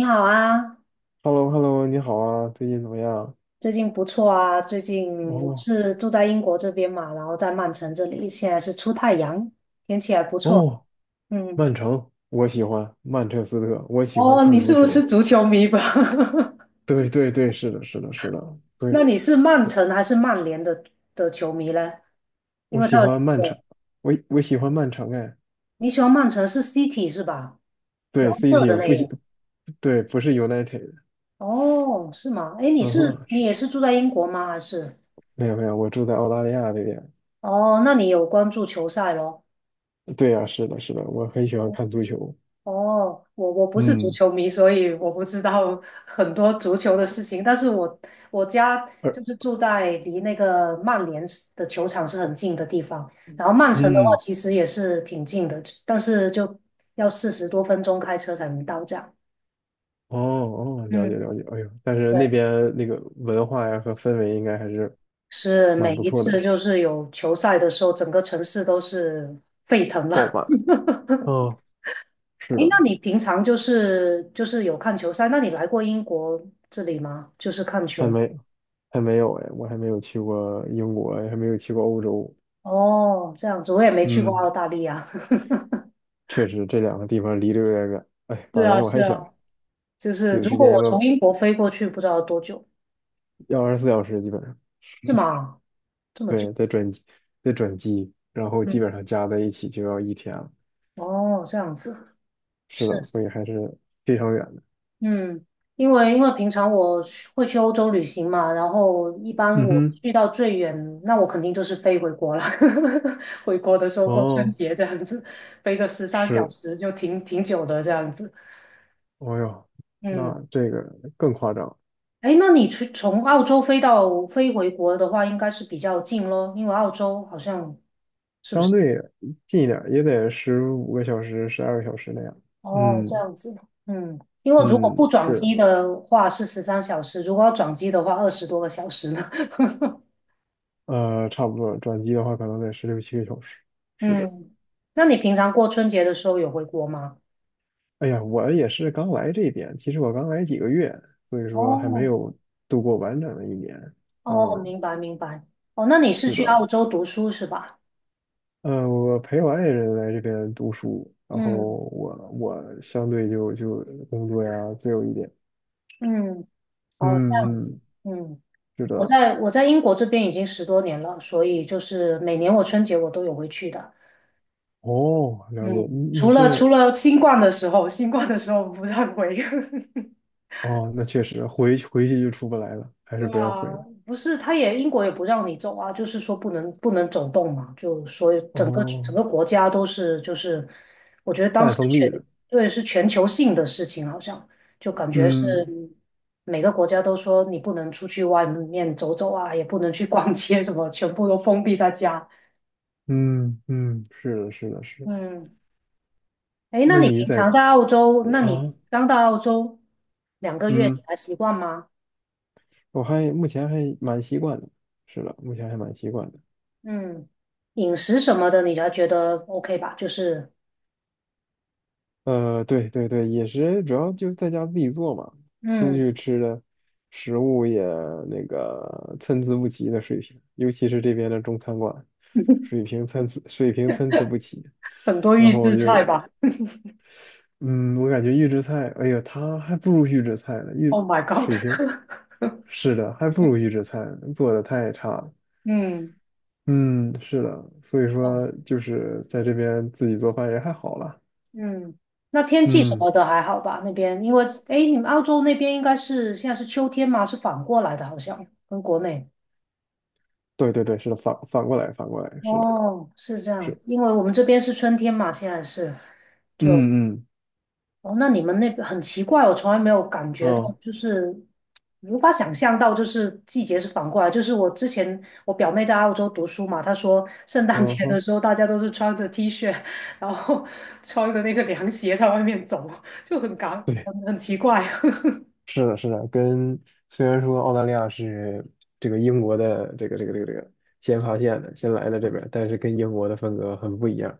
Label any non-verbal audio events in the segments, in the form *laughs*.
你好啊，Hello hello 你好啊，最近怎么样？最近不错啊。最近我哦是住在英国这边嘛，然后在曼城这里，现在是出太阳，天气还不错。哦，嗯，曼城，我喜欢曼彻斯特，我喜欢哦，你看足是不球。是足球迷吧？对对对，是的，是的，是的，*laughs* 那对，你是曼城还是曼联的球迷呢？因我为他喜有两欢曼城，个，我喜欢曼城哎，你喜欢曼城是 City 是吧？蓝对色，City 的不那喜，个。对，不是 United，哦，是吗？哎，你嗯是哼，你是，也是住在英国吗？还是？没有没有，我住在澳大利亚这边，哦，那你有关注球赛咯？对呀、是的，是的，我很喜欢看足球，哦，我不是足嗯，球迷，所以我不知道很多足球的事情。但是我家而就是住在离那个曼联是的球场是很近的地方，然后曼城的话嗯，其实也是挺近的，但是就要40多分钟开车才能到站。哦哦，了解嗯，了解，哎呦，但是那对，边那个文化呀和氛围应该还是是蛮每不一错的，次是就是有球赛的时候，整个城市都是沸腾爆了。满。*laughs* 嗯，哎，是的，那你平常就是有看球赛？那你来过英国这里吗？还没还没有哎，我还没有去过英国，还没有去过欧洲。哦，这样子，我也没去过澳嗯，大利亚。*laughs* 确实这两个地方离得有点远。哎，是本啊，来我是还想啊，就是有如时果间要我不从要英国飞过去，不知道多久，要24小时，基本上是吗？这么久？对，再转机，然后基嗯，本上加在一起就要一天了。哦，这样子，是是，的，所以还是非常远的。嗯，因为平常我去会去欧洲旅行嘛，然后一般嗯我哼，去到最远，那我肯定就是飞回国了。*laughs* 回国的时候过春哦，节这样子，飞个十三小是，时就挺久的这样子。哦哟，嗯。那这个更夸张，哎，那你去从澳洲飞回国的话，应该是比较近咯，因为澳洲好像，相对近一点儿也得15个小时、12个小时那样。哦，这嗯样子。嗯，因为如果嗯，不转是。机的话是十三小时，如果要转机的话20多个小时呢。*laughs* 差不多，转机的话可能得十六七个小时。是的，嗯，那你平常过春节的时候有回国吗？哎呀，我也是刚来这边，其实我刚来几个月，所以说还没哦有度过完整的一年。哦，嗯，明白明白。哦，那你是是去澳的，洲读书是吧？嗯，我陪我爱人来这边读书，然后嗯我相对就工作呀自由一点。嗯，哦，这样嗯子。嗯，嗯。是我的。在我在英国这边已经10多年了，所以就是每年我春节我都有回去的。哦，了解，嗯，你除了除是了新冠的时候，新冠的时候不让回。*laughs* 哦，那确实回去就出不来了，还是对不要啊，回了。不是，他也英国也不让你走啊，就是说不能走动嘛，就所以整个整哦，个国家都是就是，我觉得当半时封闭的，对是全球性的事情，好像就感觉是嗯。每个国家都说你不能出去外面走走啊，也不能去逛街什么，全部都封闭在家。嗯嗯，是的，是的，是的嗯。哎，那那你你平在常在澳洲，那你啊？刚到澳洲2个月，你嗯，还习惯吗？我还目前还蛮习惯的。是的，目前还蛮习惯的。嗯，饮食什么的，你还觉得 OK 吧？就是，呃，对对对，也是，主要就是在家自己做嘛，嗯，食物也那个参差不齐的水平，尤其是这边的中餐馆，水 *laughs* 平参差水平参差不齐。很多然预后我制就，菜吧。嗯，我感觉预制菜，哎呀，它还不如预制菜呢，Oh 预 my god！水平，*laughs* 是的，还不如预制菜呢，做的太差了。嗯，嗯，是的，所以哦，说就是在这边自己做饭也还好啦。嗯，那天气什嗯，么的还好吧？那边，因为，哎，诶你们澳洲那边应该是现在是秋天嘛，是反过来的，好像跟国内。对对对，是的，反过来，反过来，是的，哦，是这样，是，因为我们这边是春天嘛，现在是。就。嗯嗯，哦，那你们那边很奇怪，我从来没有感觉到，哦，就是无法想象到，就是季节是反过来。就是我之前我表妹在澳洲读书嘛，她说圣诞哦节的吼，时候大家都是穿着 T 恤，然后 *laughs* 穿着那个凉鞋在外面走，就很感对，很很奇怪，是的，是的，虽然说澳大利亚是这个英国的这个先发现的，先来的这边，但是跟英国的风格很不一样。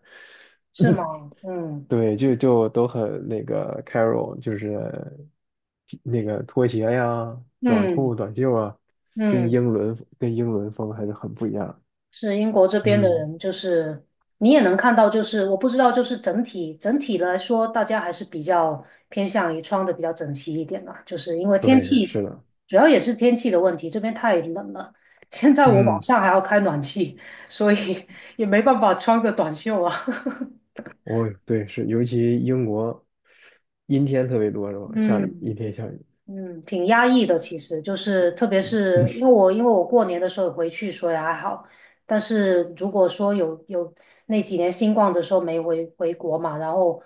*laughs* 是 *clears throat* 吗？嗯对，就都很那个 c a r o 就是那个拖鞋呀、短裤、嗯短袖啊，跟嗯。英伦跟英伦风还是很不一样。是英国这边的嗯，人，就是你也能看到，就是我不知道，就是整体来说，大家还是比较偏向于穿的比较整齐一点啦，就是因为天对，气，是的，主要也是天气的问题，这边太冷了。*laughs* 现在我晚嗯，上还要开暖气，所以也没办法穿着短袖啊。我对是，尤其英国阴天特别多是 *laughs* 吧？下雨，阴嗯，天下雨，嗯，挺压抑的，其实就是特别是因为我过年的时候回去，所以还好。但是如果说有那几年新冠的时候没回国嘛，然后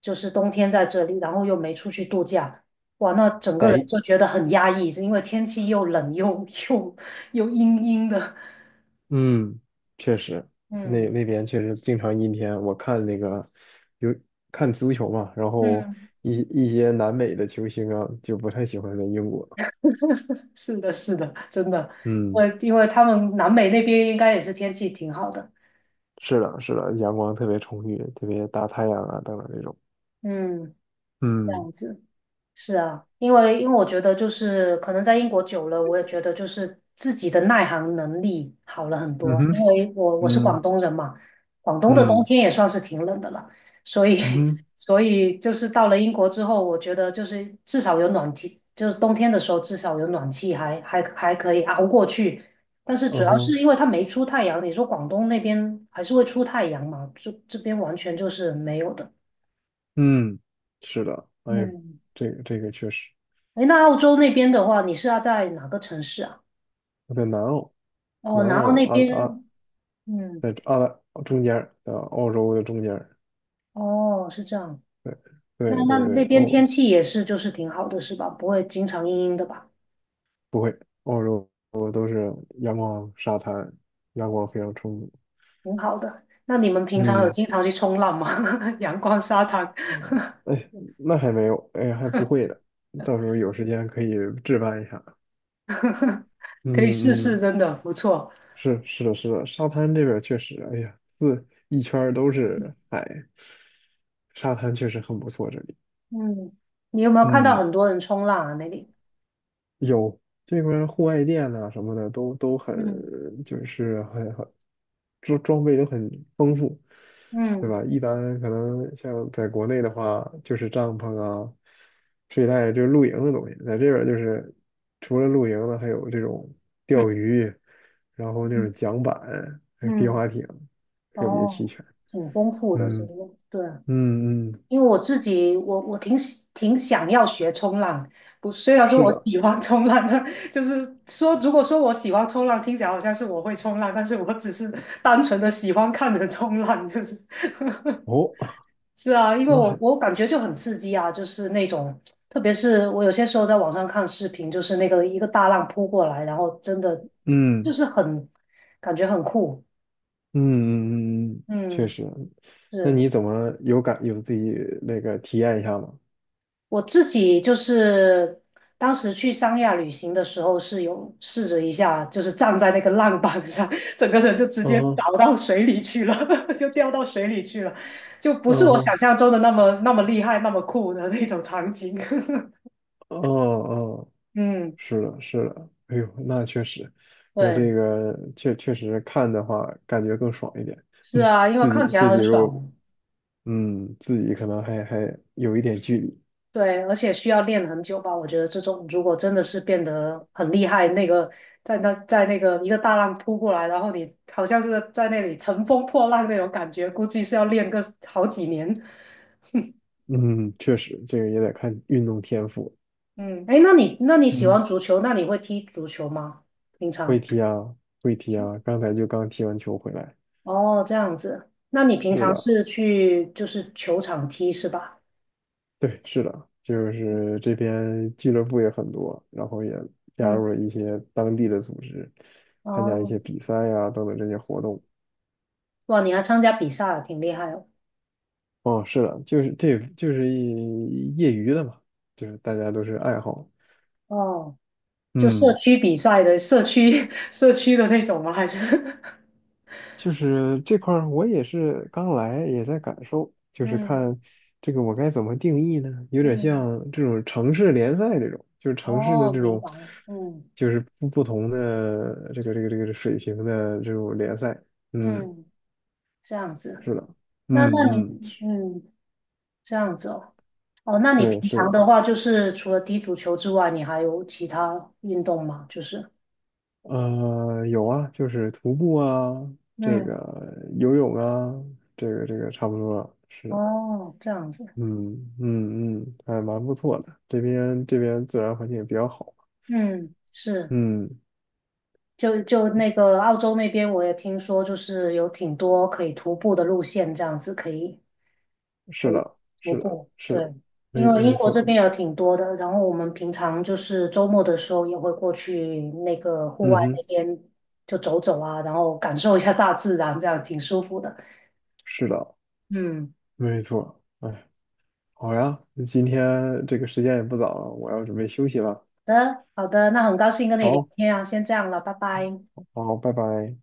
就是冬天在这里，然后又没出去度假，哇，那整个人在就觉得很压抑，是因为天气又冷又 *laughs* 又又阴阴的。嗯，确实，那嗯那边确实经常阴天。我看那个有看足球嘛，然后嗯，一些南美的球星啊，就不太喜欢在英国。*laughs* 是的，是的，真的，因嗯。为因为他们南美那边应该也是天气挺好的。是的，是的，阳光特别充裕，特别大太阳啊等等这种。嗯，这嗯样子。是啊，因为我觉得就是可能在英国久了，我也觉得就是自己的耐寒能力好了很嗯多。哼，因为我是广嗯东人嘛，广东的冬嗯天也算是挺冷的了，所以 嗯哼，*laughs* 所以就是到了英国之后，我觉得就是至少有暖气，就是冬天的时候至少有暖气还可以熬过去。但是主嗯要是哼，因为它没出太阳，你说广东那边还是会出太阳嘛？这边完全就是没有的。嗯，是的，哎呦嗯这个这个确实哎，那澳洲那边的话，你是要在哪个城市啊？我在南澳，南哦，然后澳那啊啊，边，嗯，在澳大中间啊，澳洲的中间儿哦，是这样。对那对那对对，那边天哦，气也是，就是挺好的，是吧？不会经常阴阴的吧？不会，澳洲都是阳光沙滩，阳光非常充足。挺好的。那你们平常有嗯，经常去冲浪吗？*laughs* 阳光沙滩，嗯哎，那还没有，哎，还不会的，到时候有时间可以置办一下。*laughs* 可以试嗯试，嗯。真的不错。是是的，是的，沙滩这边儿确实，哎呀，四一圈儿都是海，沙滩确实很不错。这里，嗯，你有没有看到嗯，很多人冲浪啊？那里？有这边户外店呐、什么的都很，嗯就是很很装备都很丰富，对嗯吧？一般可能像在国内的话，就是帐篷啊、睡袋，就是露营的东西，在这边儿就是除了露营的，还有这种嗯钓鱼，然后那种嗯，桨板，还有皮嗯划艇，特别齐哦，全。挺丰富的，这嗯个对。嗯嗯，因为我自己，我挺想要学冲浪，不，虽然说是我的，喜欢冲浪，但就是说，如果说我喜欢冲浪，听起来好像是我会冲浪，但是我只是单纯的喜欢看着冲浪，就是哦，是啊，因为那我还，我感觉就很刺激啊，就是那种，特别是我有些时候在网上看视频，就是那个一个大浪扑过来，然后真的就嗯是感觉很酷，嗯嗯嗯，嗯，嗯，确实，那是。你怎么有感有自己那个体验一下吗？我自己就是当时去三亚旅行的时候，是有试着一下，就是站在那个浪板上，*laughs* 整个人就直嗯接倒哼，到水里去了，*laughs* 就掉到水里去了，就不是嗯我想哼，象中的那么那么厉害、那么酷的那种场景。哦哦，*laughs* 嗯，是的，是的，哎呦，那确实，那对，这个确实看的话，感觉更爽一点，是嗯，啊，因为自看己起自来己很如果，爽。嗯，自己可能还有一点距离，对，而且需要练很久吧？我觉得这种如果真的是变得很厉害，那个在那个一个大浪扑过来，然后你好像是在那里乘风破浪那种感觉，估计是要练个好几年。嗯，确实，这个也得看运动天赋，嗯，哎，那你喜欢嗯。足球，那你会踢足球吗？平会常？踢啊，会踢啊，刚才就刚踢完球回来。哦，这样子，那你平是常的，是去就是球场踢是吧？对，是的，就是这边俱乐部也很多，然后也加嗯，入了一些当地的组织，参加一哦，些比赛呀、等等这些活动。哇，你还参加比赛，挺厉害哦。哦，是的，就是这就是一业余的嘛，就是大家都是爱好。哦，就社嗯。区比赛的社区 *laughs* 社区的那种吗？还是 就是这块儿我也是刚来，也在感受，*laughs* 就是嗯看这个我该怎么定义呢？有点嗯，像这种城市联赛这种，就是城市的哦，这明种，白了，嗯就是不同的这个水平的这种联赛。嗯，嗯，这样子？是的，那你嗯嗯，嗯这样子哦哦，那你对，平是常的的，话，就是除了踢足球之外，你还有其他运动吗？就是有啊，就是徒步啊，这个嗯，游泳啊，这个这个差不多了，是的。哦，这样子，嗯嗯嗯，还蛮不错的。这边自然环境也比较好。嗯是，嗯，就那个澳洲那边，我也听说，就是有挺多可以徒步的路线，这样子可以可是以的，徒是的，步，是的，对，因没为英没国这错，边有挺多的，然后我们平常就是周末的时候也会过去那个户嗯外那哼，边就走走啊，然后感受一下大自然，这样挺舒服的。是的，嗯，没错。哎，好呀，今天这个时间也不早了，我要准备休息了。好的，好的，那很高兴跟你聊好，天啊，先这样了，拜拜。好，拜拜。